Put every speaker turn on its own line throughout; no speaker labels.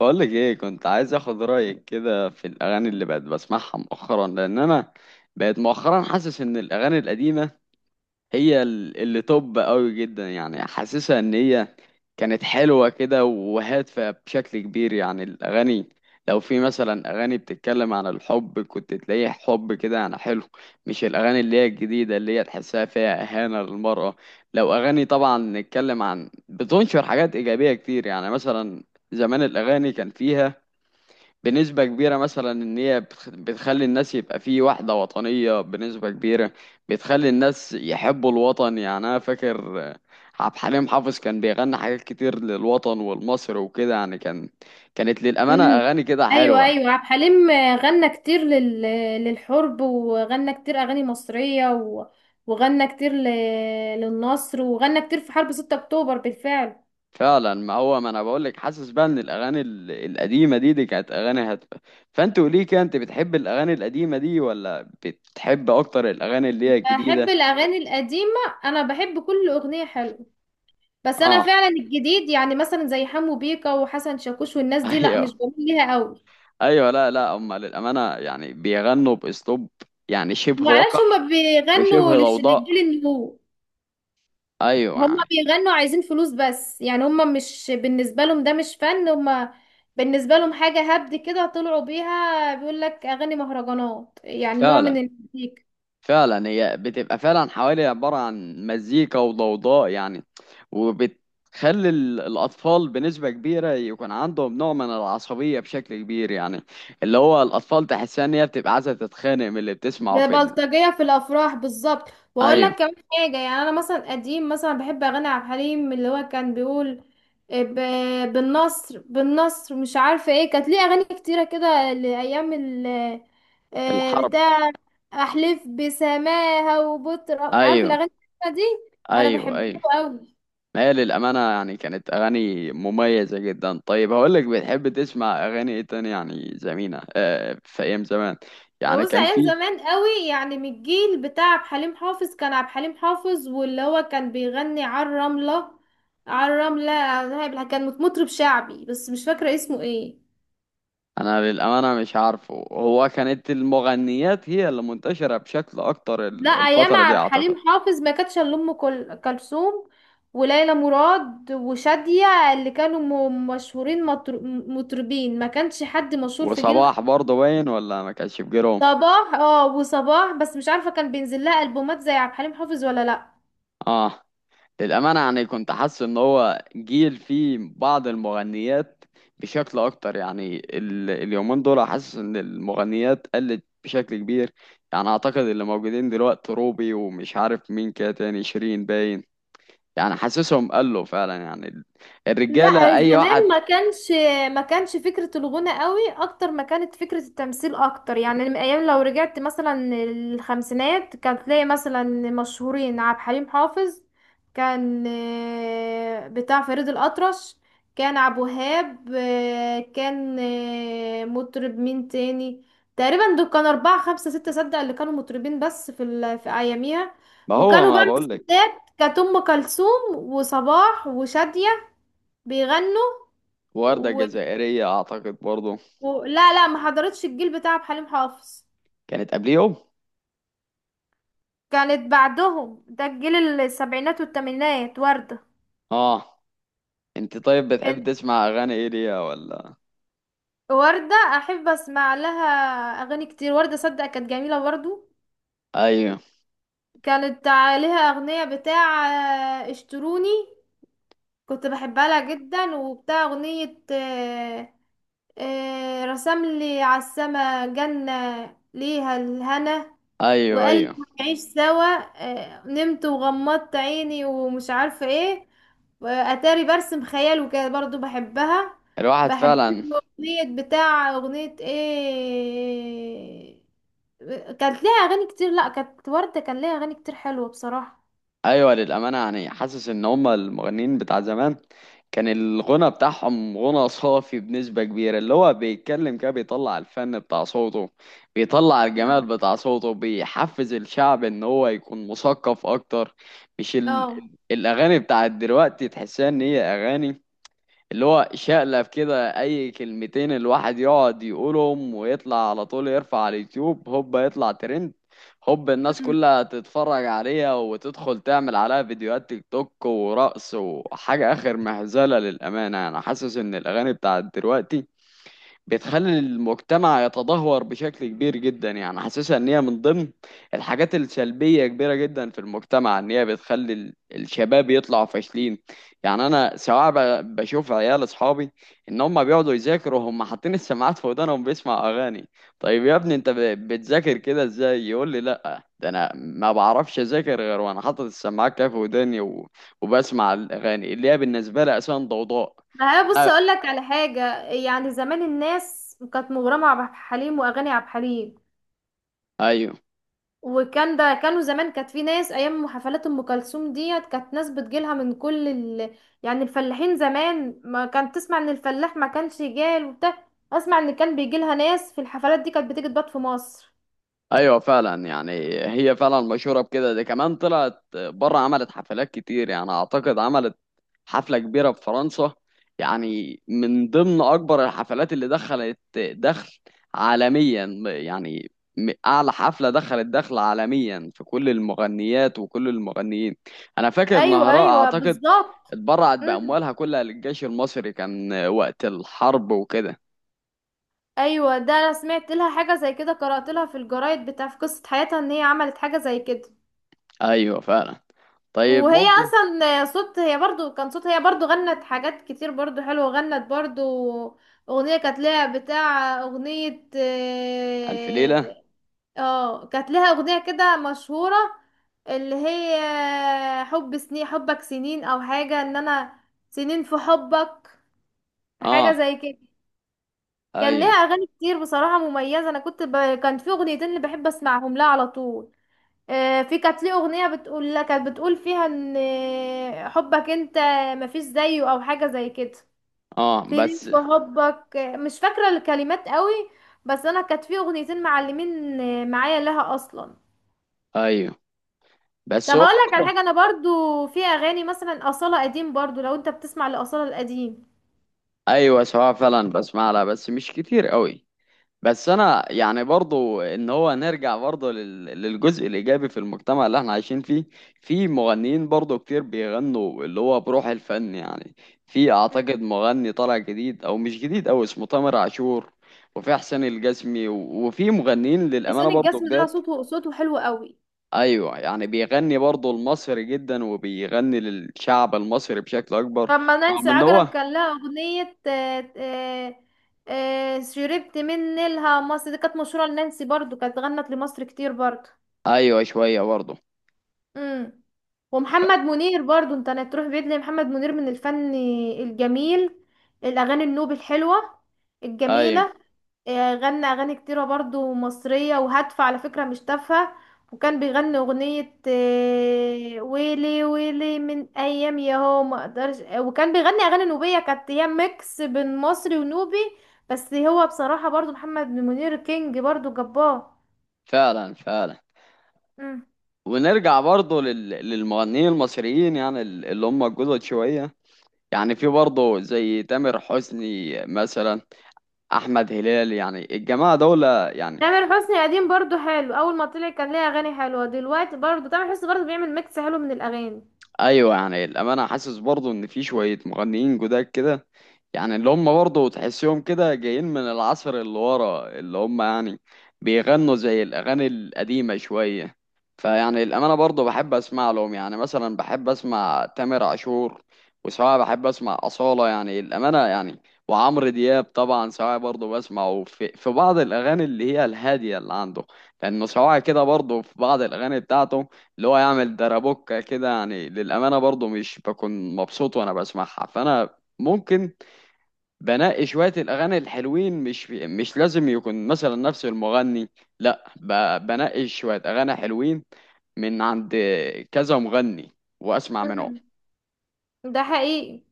بقولك ايه، كنت عايز اخد رأيك كده في الاغاني اللي بقت بسمعها مؤخرا، لان انا بقيت مؤخرا حاسس ان الاغاني القديمة هي اللي توب قوي جدا. يعني حاسسها ان هي كانت حلوة كده وهادفة بشكل كبير. يعني الاغاني لو في مثلا اغاني بتتكلم عن الحب كنت تلاقيه حب كده يعني حلو، مش الاغاني اللي هي الجديدة اللي هي تحسها فيها اهانة للمرأة. لو اغاني طبعا نتكلم عن بتنشر حاجات ايجابية كتير، يعني مثلا زمان الاغاني كان فيها بنسبة كبيرة مثلا إن هي بتخلي الناس يبقى في وحدة وطنية بنسبة كبيرة، بتخلي الناس يحبوا الوطن. يعني أنا فاكر عبد الحليم حافظ كان بيغني حاجات كتير للوطن والمصر وكده. يعني كان كانت للأمانة
امم
أغاني كده
ايوه،
حلوة.
ايوه، عبد الحليم غنى كتير للحرب، وغنى كتير اغاني مصريه وغنى كتير للنصر، وغنى كتير في حرب 6 اكتوبر بالفعل.
فعلا، ما هو ما أنا بقولك، حاسس بقى إن الأغاني القديمة دي كانت أغاني هادفة. فأنت قولي كده، أنت بتحب الأغاني القديمة دي ولا بتحب أكتر الأغاني اللي هي
بحب
الجديدة؟
الاغاني القديمه، انا بحب كل اغنيه حلوه، بس انا
آه.
فعلا الجديد يعني مثلا زي حمو بيكا وحسن شاكوش والناس دي لا، مش
أيوه.
بميل ليها قوي.
ايوه، لا لا، هم للامانه يعني بيغنوا باسلوب يعني شبه
معرفش
وقح
هما بيغنوا
وشبه
للجيل
ضوضاء.
النمو،
ايوه
هما
يعني.
بيغنوا عايزين فلوس بس، يعني هما مش بالنسبة لهم ده مش فن، هما بالنسبة لهم حاجة هبد كده طلعوا بيها، بيقول لك أغاني مهرجانات يعني نوع من
فعلا،
المزيكا،
فعلا هي بتبقى فعلا حوالي عباره عن مزيكا وضوضاء يعني، وبتخلي الاطفال بنسبه كبيره يكون عندهم نوع من العصبيه بشكل كبير. يعني اللي هو الاطفال تحسها ان هي بتبقى عايزه تتخانق من اللي بتسمعه في ال...
بلطجية في الأفراح بالظبط. وأقول
ايوه.
لك كمان حاجة، يعني أنا مثلا قديم مثلا بحب أغاني عبد الحليم، اللي هو كان بيقول بالنصر، بالنصر، مش عارفة ايه، كانت ليه أغاني كتيرة كده لأيام ال
الحرب.
بتاع، أحلف بسماها وبطر، عارف
ايوه
الأغاني دي، أنا
ايوه.
بحبها
ايوه،
أوي.
ما هي للأمانة يعني كانت أغاني مميزة جدا. طيب هقولك، بتحب تسمع أغاني إيه تاني؟ يعني زمينة، في أيام زمان يعني
بص،
كان
ايام
في.
زمان قوي يعني من الجيل بتاع عبد الحليم حافظ، كان عبد الحليم حافظ واللي هو كان بيغني على الرملة، على الرملة كان مطرب شعبي بس مش فاكرة اسمه ايه.
أنا للأمانة مش عارفه، هو كانت المغنيات هي اللي منتشرة بشكل أكتر
لا،
ال-
ايام
الفترة دي
عبد
أعتقد.
الحليم حافظ ما كانتش الا ام كلثوم وليلى مراد وشادية، اللي كانوا مشهورين، مطربين، ما كانش حد مشهور في جيل.
وصباح برضه باين ولا ما كانش في جيرهم؟
صباح، اه، وصباح بس مش عارفة كان بينزل لها البومات زي عبد الحليم حافظ ولا لا.
آه. للأمانة يعني كنت حاسس إن هو جيل فيه بعض المغنيات بشكل أكتر. يعني اليومين دول حاسس إن المغنيات قلت بشكل كبير. يعني أعتقد اللي موجودين دلوقتي روبي ومش عارف مين كده تاني، شيرين باين. يعني حاسسهم قلوا فعلا. يعني الرجالة
لا
أي واحد.
زمان ما كانش، فكرة الغنى قوي اكتر ما كانت فكرة التمثيل اكتر، يعني من ايام لو رجعت مثلا الخمسينات كان تلاقي مثلا مشهورين عبد الحليم حافظ، كان بتاع فريد الأطرش، كان عبد الوهاب، كان مطرب مين تاني، تقريبا دول كانوا أربعة خمسة ستة صدق اللي كانوا مطربين بس في أياميها.
ما هو
وكانوا
ما
بقى من
بقولك.
الستات كانت أم كلثوم وصباح وشادية بيغنوا
وردة
و...
الجزائرية أعتقد برضه
لا لا، ما حضرتش الجيل بتاع عبد الحليم حافظ،
كانت قبليهم.
كانت بعدهم، ده الجيل السبعينات والثمانينات وردة.
آه. أنت طيب بتحب
إن-
تسمع أغاني إيه ليها ولا؟
وردة أحب أسمع لها أغاني كتير، وردة صدق كانت جميلة برضو،
أيوه
كانت عليها أغنية بتاع اشتروني، كنت بحبها لها جدا، وبتاع أغنية رسم لي على السما جنة، ليها الهنا
أيوه.
وقال لي
أيوه.
هنعيش سوا، نمت وغمضت عيني ومش عارفة ايه، وأتاري برسم خيال وكده، برضو بحبها.
الواحد
بحب
فعلا.
له أغنية بتاع أغنية ايه، كانت ليها أغاني كتير، لأ كانت وردة كان ليها أغاني كتير حلوة بصراحة.
ايوه، للامانه يعني حاسس ان هم المغنيين بتاع زمان كان الغنى بتاعهم غنى صافي بنسبه كبيره. اللي هو بيتكلم كده بيطلع الفن بتاع صوته، بيطلع الجمال بتاع صوته، بيحفز الشعب ان هو يكون مثقف اكتر. مش ال...
اه.
ال- الاغاني بتاعت دلوقتي تحسها ان هي اغاني اللي هو شقلب كده اي كلمتين الواحد يقعد يقولهم ويطلع على طول، يرفع على اليوتيوب هوب يطلع ترند، هوب الناس
أمم.
كلها تتفرج عليها وتدخل تعمل عليها فيديوهات تيك توك ورقص وحاجة اخر مهزلة. للأمانة انا حاسس ان الاغاني بتاعت دلوقتي بتخلي المجتمع يتدهور بشكل كبير جدا. يعني حاسسها ان هي من ضمن الحاجات السلبية كبيرة جدا في المجتمع، ان هي بتخلي الشباب يطلعوا فاشلين. يعني انا سواء بشوف عيال اصحابي، ان هم بيقعدوا يذاكروا هم حاطين السماعات في ودانهم بيسمع اغاني. طيب يا ابني انت بتذاكر كده ازاي؟ يقول لي لا، ده انا ما بعرفش اذاكر غير وانا حاطط السماعات كده في وداني وبسمع الاغاني اللي هي بالنسبة لي اساسا ضوضاء.
ما هي بص
يعني
اقول لك على حاجه، يعني زمان الناس كانت مغرمه على عبد الحليم واغاني عبد الحليم،
ايوه.
وكان ده كانوا زمان كانت في ناس ايام حفلات ام كلثوم ديت كانت ناس بتجيلها من كل ال... يعني الفلاحين زمان ما كانت تسمع ان الفلاح ما كانش جال وبتاع، اسمع ان كان بيجيلها ناس في الحفلات دي كانت بتيجي تبات في مصر.
ايوه فعلا. يعني هي فعلا مشهوره بكده. دي كمان طلعت بره عملت حفلات كتير. يعني اعتقد عملت حفله كبيره في فرنسا، يعني من ضمن اكبر الحفلات اللي دخلت دخل عالميا. يعني اعلى حفله دخلت دخل عالميا في كل المغنيات وكل المغنيين. انا فاكر
ايوه،
نهراء
ايوه،
اعتقد
بالظبط.
اتبرعت
امم.
باموالها كلها للجيش المصري، كان وقت الحرب وكده.
ايوه، ده انا سمعت لها حاجه زي كده، قرات لها في الجرايد بتاع في قصه حياتها ان هي عملت حاجه زي كده.
ايوه فعلا. طيب
وهي
ممكن.
اصلا صوت، هي برضو كان صوت هي برضو غنت حاجات كتير برضو حلوة، غنت برضو اغنية كانت لها بتاع اغنية
الف ليله.
اه، كانت لها اغنية كده مشهورة، اللي هي حب سنين، حبك سنين، او حاجة ان انا سنين في حبك، حاجة
اه.
زي كده. كان لها
ايوه.
اغاني كتير بصراحة مميزة، انا كنت كان في اغنيتين اللي بحب اسمعهم لها على طول، في كانت ليه اغنيه بتقول لك، كانت بتقول فيها ان حبك انت مفيش زيه او حاجه زي كده،
اه
تنين
بس.
في حبك، مش فاكره الكلمات قوي، بس انا كانت في اغنيتين معلمين معايا لها اصلا.
ايوه. بس
طب
هو
اقول لك على
برضه.
حاجه، انا برضو في اغاني مثلا اصاله قديم برضو، لو انت بتسمع لاصاله القديم.
ايوه، سواء فعلا بسمع لها بس مش كتير قوي. بس انا يعني برضه ان هو نرجع برضه لل... للجزء الايجابي في المجتمع اللي احنا عايشين فيه. في مغنيين برضه كتير بيغنوا اللي هو بروح الفن يعني. في
مم.
اعتقد مغني طالع جديد او مش جديد او اسمه تامر عاشور، وفي حسين الجسمي و... وفي مغنيين للامانه
حسين
برضه
الجسمي ده
جداد.
صوته، صوته حلو قوي.
ايوه، يعني بيغني برضه المصري جدا وبيغني للشعب المصري بشكل اكبر،
لما
رغم
نانسي
ان
عجرم
هو.
كان لها اغنية شربت من نيلها مصر، دي كانت مشهورة لنانسي برضو، كانت غنت لمصر كتير برضو.
ايوه شويه برضه.
امم. ومحمد منير برضو، انت هتروح بعيد ليه، محمد منير من الفن الجميل، الاغاني النوب الحلوه
ايوه
الجميله، غنى اغاني كتيره برضو مصريه وهادفه على فكره مش تافهه، وكان بيغني اغنيه ويلي ويلي من ايام يا هو ما اقدرش، وكان بيغني اغاني نوبيه كانت هي ميكس بين مصري ونوبي، بس هو بصراحه برضو محمد منير كينج برضو جبار.
فعلا فعلا. ونرجع برضه لل... للمغنيين المصريين، يعني اللي هم الجدد شويه. يعني في برضه زي تامر حسني مثلا، احمد هلال، يعني الجماعه دول يعني.
تامر حسني قديم برضو حلو، اول ما طلع كان ليه اغاني حلوه، دلوقتي برضو تامر حسني برضو بيعمل ميكس حلو من الاغاني.
ايوه. يعني الامانه حاسس برضو ان في شويه مغنيين جداد كده، يعني اللي هم برضو تحسهم كده جايين من العصر اللي ورا، اللي هم يعني بيغنوا زي الاغاني القديمه شويه. فيعني الامانه برضو بحب اسمع لهم. يعني مثلا بحب اسمع تامر عاشور، وسواء بحب اسمع اصاله، يعني الامانه يعني. وعمرو دياب طبعا سواء برضو بسمعه في بعض الاغاني اللي هي الهاديه اللي عنده، لانه سواء كده برضو في بعض الاغاني بتاعته اللي هو يعمل درابوكة كده. يعني للأمانة برضو مش بكون مبسوط وأنا بسمعها، فأنا ممكن بنقي شوية الأغاني الحلوين. مش لازم يكون مثلا نفس المغني، لا، بنقي شوية أغاني حلوين من عند كذا مغني وأسمع منهم.
مم. ده حقيقي.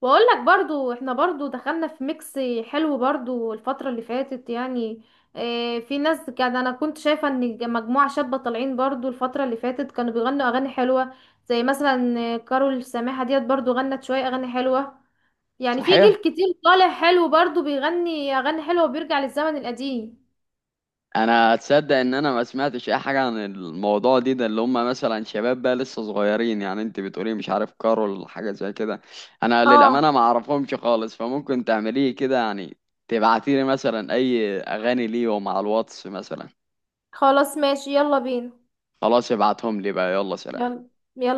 واقول لك برضو، احنا برضو دخلنا في ميكس حلو برضو الفترة اللي فاتت يعني، اه في ناس كان انا كنت شايفة ان مجموعة شابة طالعين برضو الفترة اللي فاتت كانوا بيغنوا اغاني حلوة، زي مثلا كارول سماحة ديت برضو غنت شوية اغاني حلوة، يعني في
صحيح؟
جيل كتير طالع حلو برضو بيغني اغاني حلوة وبيرجع للزمن القديم.
انا اتصدق ان انا ما سمعتش اي حاجه عن الموضوع دي، ده اللي هم مثلا شباب بقى لسه صغيرين؟ يعني انت بتقولي مش عارف كارول حاجه زي كده. انا للامانه
اه،
ما اعرفهمش خالص، فممكن تعمليه كده يعني، تبعتيلي مثلا اي اغاني ليهم على الواتس مثلا.
خلاص ماشي، يلا بينا،
خلاص ابعتهم لي بقى، يلا سلام.
يلا، يلا.